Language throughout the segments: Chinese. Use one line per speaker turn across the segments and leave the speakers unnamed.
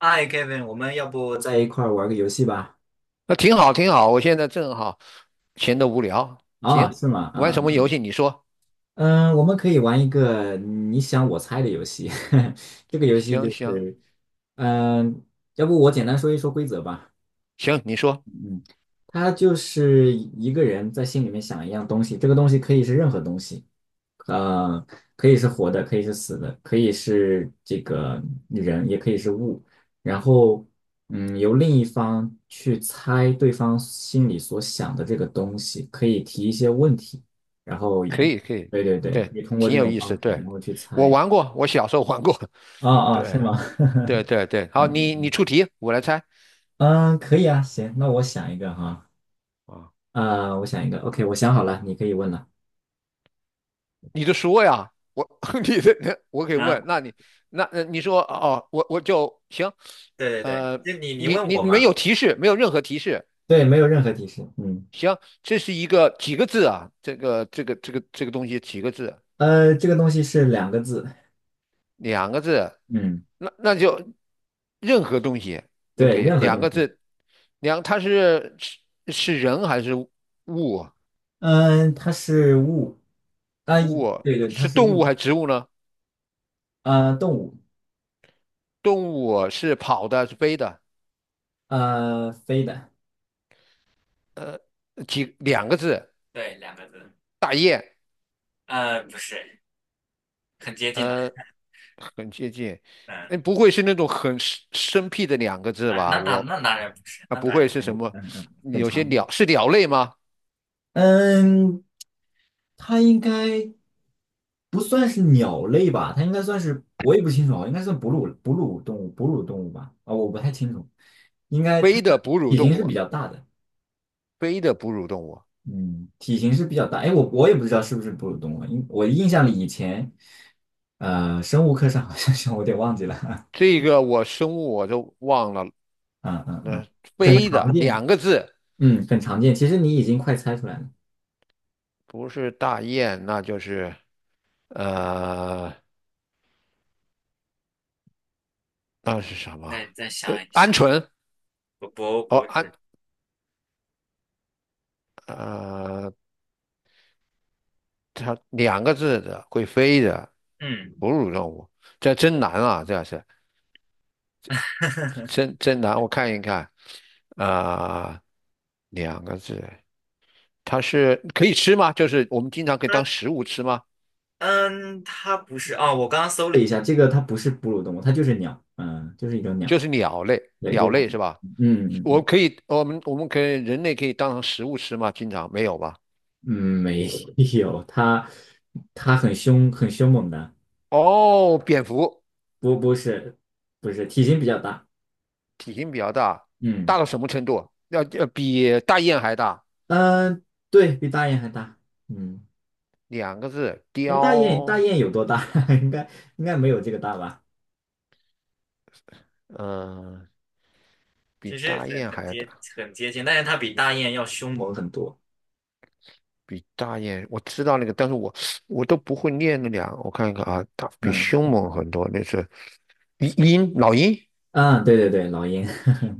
嗨，Kevin，我们要不在一块儿玩个游戏吧？
那挺好，挺好。我现在正好闲得无聊，
啊、
行，
是吗？
玩
啊、
什么游
嗯，
戏？你说，
嗯，我们可以玩一个你想我猜的游戏。这个游戏就
行行
是，嗯，要不我简单说一说规则吧？
行，你说，
嗯，他就是一个人在心里面想一样东西，这个东西可以是任何东西，呃，可以是活的，可以是死的，可以是这个人，也可以是物。然后，嗯，由另一方去猜对方心里所想的这个东西，可以提一些问题，然后，
可以，
对对对，
对，
可以通过
挺
这
有
种
意
方
思。
式，然
对，
后去
我
猜。
玩过，我小时候玩过。
啊 啊，是
对
吗？
对 对对，好，你出题，我来猜
嗯，可以啊，行，那我想一个哈，
啊。
啊，我想一个，OK，我想好了，你可以问了。
你就说呀，我 你的我可以
啊，
问，那你那你说哦，我就行。
对对
呃，
对，就你问我
没
嘛，
有提示，没有任何提示。
对，没有任何提示。嗯，
行，这是一个几个字啊？这个东西几个字？
这个东西是两个字。
两个字，
嗯，
那就任何东西都可
对，
以，
任何
两
东
个
西。
字，两，它是人还是物啊？
嗯、它是物。啊、
物啊
对对，它
是
是
动物还
物。
是植物呢？
呃，动物。
动物是跑的，是飞的，
呃，飞的。
呃，几两个字，
对，两个字，
大雁，
呃，不是，很接近了，
呃，很接近，
嗯，
嗯，不会是那种很生僻的两个字
啊，
吧？
那当
我
那当然不是，
啊，
那
不
当
会
然
是什
不是，
么？
嗯嗯，很
有些
常见。
鸟是鸟类吗？
嗯，它应该不算是鸟类吧？它应该算是，我也不清楚啊，应该算哺乳动物，哺乳动物吧？啊，我不太清楚，应该它
飞的哺乳
体
动
型是
物，
比较大的，
飞的哺乳动物。
嗯，体型是比较大。哎，我也不知道是不是哺乳动物啊，因我印象里以前，生物课上好像是，我有点忘记了，
这个我生物我都忘了，
嗯嗯嗯，
那、
很
飞
常
的
见，
两个字，
嗯，很常见。其实你已经快猜出来了，
不是大雁，那就是呃，那是什么？
再想一想，
鹌鹑
不不
哦，
不
鹌
是，
呃，它两个字的会飞的
嗯，
哺乳动物，这真难啊，这是 真难。我看一看，啊、两个字，它是可以吃吗？就是我们经常可以
它
当食物吃吗？
嗯，它不是啊，我刚刚搜了一下，这个它不是哺乳动物，它就是鸟，嗯，就是一种鸟，
就是鸟类，
对，就
鸟
是，
类是吧？
嗯嗯
我
嗯，
可以，我们可以人类可以当成食物吃吗？经常没有吧？
嗯没有，它它很凶，很凶猛的，
哦，蝙蝠
不不是不是，体型比较大，
体型比较大，
嗯
大到什么程度啊？要比大雁还大，
嗯，对比大雁还大，嗯，
两个字，
哎，大雁大
雕，
雁有多大？应该应该没有这个大吧？
嗯、比
其实
大
很
雁
很
还要大，
接很接近，但是它比大雁要凶猛很多，
比大雁，我知道那个，但是我都不会念那两，我看一看啊，大比凶
嗯
猛很多，那是鹰，鹰老鹰，
嗯，对对对，老鹰，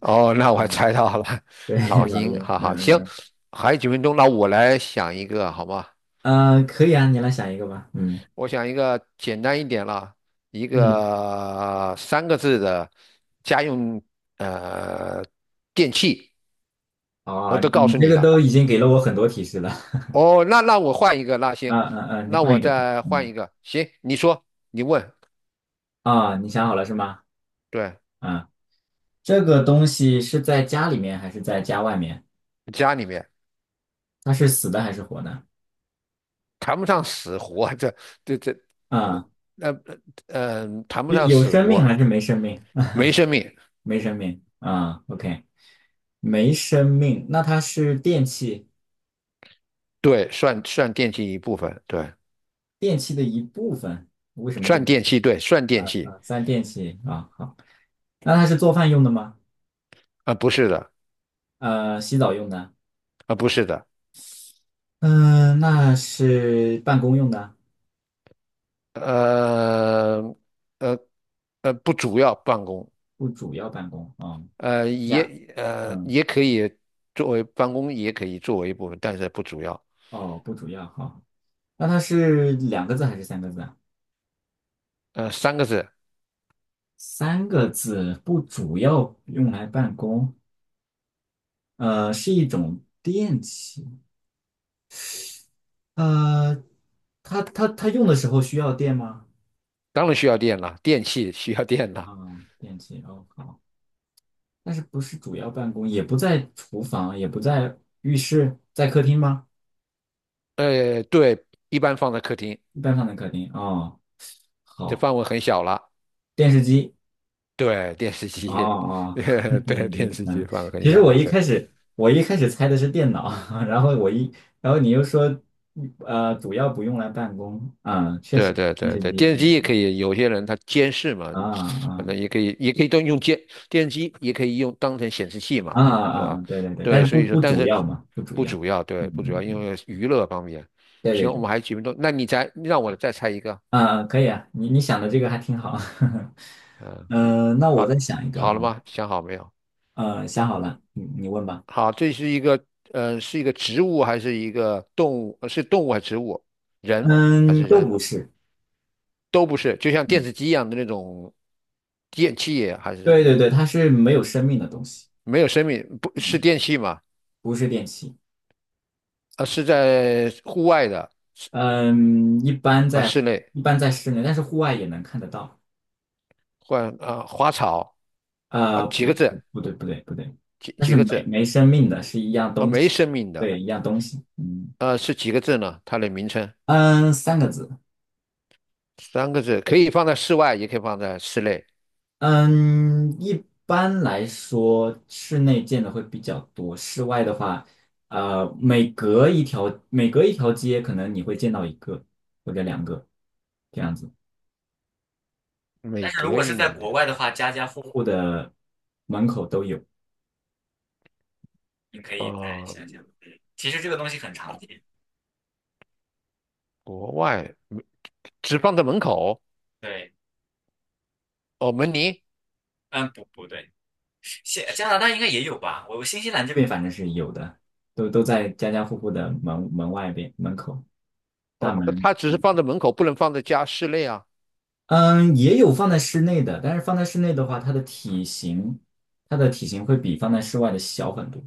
哦，那 我
嗯，
猜到了，
对
老
老
鹰，
鹰，
哈哈，
嗯嗯
行，
嗯。
还有几分钟，那我来想一个，好吗？
可以啊，你来想一个吧。嗯，
我想一个简单一点了，一
嗯，
个三个字的家用呃电器，我
哦，
都告
你
诉
这
你
个
了。
都已经给了我很多提示了。
哦，那我换一个，那行，
嗯嗯嗯，你
那
换
我
一个。
再换
嗯，
一个，行，你说，你问，
啊、你想好了是吗？
对，
啊，这个东西是在家里面还是在家外面？
家里面
它是死的还是活的？
谈不上死活，这，那
啊，
那谈不
有
上
有
死
生命
活，
还是没生命？
没生命，
没生命。啊，OK，没生命。那它是电器，
对，算电器一部分，对，
电器的一部分。为什么这么？
算电器，对，算
说？
电
啊
器，
啊，算电器啊，好。那它是做饭用的吗？
啊、不是的，
洗澡用的？
啊、不是的，
嗯，那是办公用的，
呃，呃，不主要办公，
不主要办公。啊，
也
两，嗯，
也可以作为办公，也可以作为一部分，但是不主要，
哦，不主要。好，那它是两个字还是三个字啊？
三个字，
三个字，不主要用来办公。是一种电器。呃，它用的时候需要电吗？
当然需要电了，电器需要电了，
嗯，电器。哦，好，但是不是主要办公，也不在厨房，也不在浴室，在客厅吗？
对，一般放在客厅，
一般放在客厅。哦，
这
好，
范围很小了，
电视机。
对，电视
哦
机，
哦，
对，电
眼
视机
嗯，
范围很
其实
小
我
了，
一
对，
开始我一开始猜的是电脑，然后我一然后你又说，主要不用来办公，啊，确实
对对
电
对
视
对，
机，
电视机也
嗯
可以，有些人他监视嘛，
啊
反正
啊
也可以，也可以都用监电视机，也可以用当成显示器
啊
嘛，是
啊，啊
吧？
对对对，但
对，
是
所
不
以说，
不
但
主
是
要嘛，不主
不
要，
主要，
嗯
对，不主要，
嗯
因
嗯
为娱乐方面。
对对
行，我
对，
们还有几分钟，那你再让我再猜一个，
啊啊可以啊，你想的这个还挺好，
嗯，
嗯、那我再
好，
想一个
好
啊，
了吗？想好没有？
想好了，你问吧，
好，这是一个，嗯，是一个植物还是一个动物？是动物还是植物？人还
嗯，
是
都
人？
不是，
都不是，就像电
嗯，
视机一样的那种电器，还
对
是？
对对，它是没有生命的东西，
没有生命，不是
嗯，
电器嘛？
不是电器。
是在户外的
嗯，
和室内，
一般在室内，但是户外也能看得到。
换啊花草啊几
不
个
不
字，
不对不对不对，但
几
是
个
没
字
没生命的是一样
啊
东
没
西，
生命的
对，一样东西。嗯
是几个字呢？它的名称
嗯，三个字。
三个字，可以放在室外，也可以放在室内。
嗯，一般来说室内见的会比较多，室外的话，每隔一条每隔一条街，可能你会见到一个或者两个这样子。
每
但是如
隔
果
一
是在
两天
国外的话，家家户户的门口都有。你可以再
啊，
想想。嗯其实这个东西很常见。
国外没只放在门口
对，
哦，门铃
嗯，不不对，新加拿大应该也有吧？我新西兰这边反正是有的，都都在家家户户的门外边门口大
哦，
门。
它只是放在门口，不能放在家室内啊。
嗯，也有放在室内的，但是放在室内的话，它的体型，它的体型会比放在室外的小很多。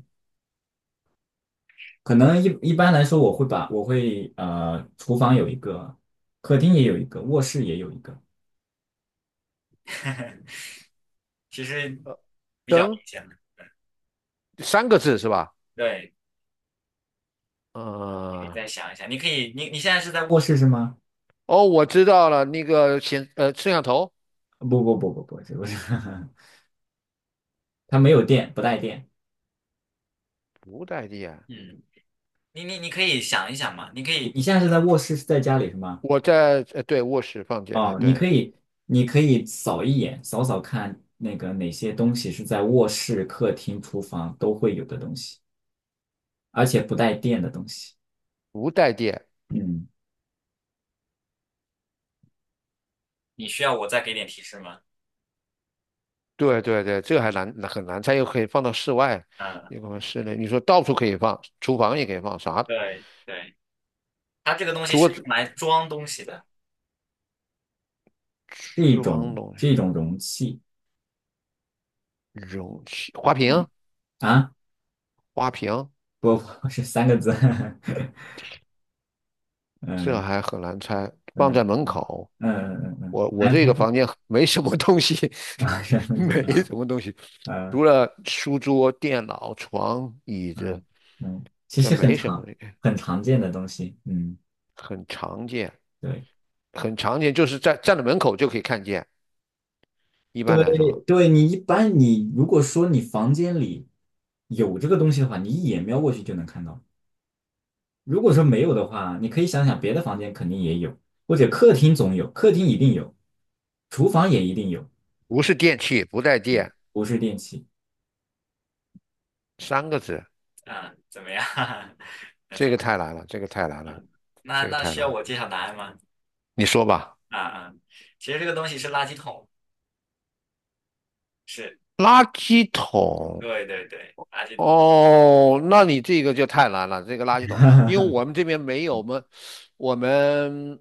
可能一般来说，我会厨房有一个，客厅也有一个，卧室也有一个。其实，
呃，灯三个字是吧？
对，可以
嗯、
再想一想。你可以，你现在是在卧室是吗？
哦，我知道了，那个显摄像头。
不不不不不，这不是，它没有电，不带电。
不带电，
嗯，你可以想一想嘛，你可以你现在是在卧室，是在家里是吗？
我在对卧室放电，
哦，你
对，
可以，你可以扫一眼，扫看那个哪些东西是在卧室、客厅、厨房都会有的东西，而且不带电的东西。
不带电，
嗯，你需要我再给点提示吗？
对对对，这个还难很难，它又可以放到室外，
嗯，
又可以放室内，你说到处可以放，厨房也可以放，啥
对对，它这个东西
桌
是用
子、
来装东西的，是一
厨房
种
东西、
是一种容器。
容器、花瓶、
嗯啊。
花瓶，
波波是三个字，
这
嗯，
还很难猜，
真
放
嗯
在门
嗯
口。
嗯嗯嗯，
我我
南
这个
方
房间 没什么东西，
啊，山 东鸡
没
啊，
什么东西，
嗯
除了书桌、电脑、床、椅子，
嗯嗯，其
这
实很
没什么，
常很常见的东西，嗯，
很常见。
对
很常见，就是在站在门口就可以看见。一般
对
来说，
对，你一般你如果说你房间里有这个东西的话，你一眼瞄过去就能看到。如果说没有的话，你可以想想别的房间肯定也有，或者客厅总有，客厅一定有，厨房也一定有，
不是电器，不带电，
不是电器。
三个字，
啊，怎么样？
这 个太难了，这个太难了，
那
这个
那
太
需要
难了。
我揭晓答案吗？
你说吧，
啊啊，其实这个东西是垃圾桶，是，
垃圾桶。
对对对，垃圾桶。
哦，那你这个就太难了，这个垃圾桶，因为 我们这边没有，我们我们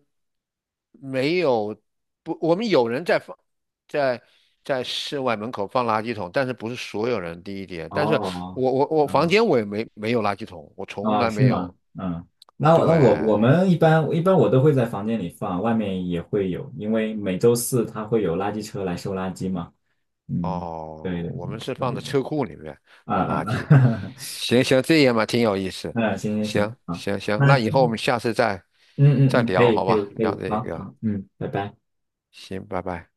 没有不，我们有人在放在在室外门口放垃圾桶，但是不是所有人，第一点，但是
哦，
我房
嗯，
间我也没有垃圾桶，我从
啊，
来
是
没
吗？
有，
嗯，那
对，
我我们一般一般我都会在房间里放，外面也会有，因为每周四它会有垃圾车来收垃圾嘛。嗯，
哦，
对对对，
我们是
所
放在
以
车库里面
啊
把
啊
垃圾。
啊，
行行，这样嘛，挺有意 思。
嗯，行行行，
行
好，
行行，
那
那以后我
今
们下次
嗯
再
嗯嗯，可
聊，
以
好
可以
吧？
可
聊
以，
这
好
个，
好，嗯，拜拜。
行，拜拜。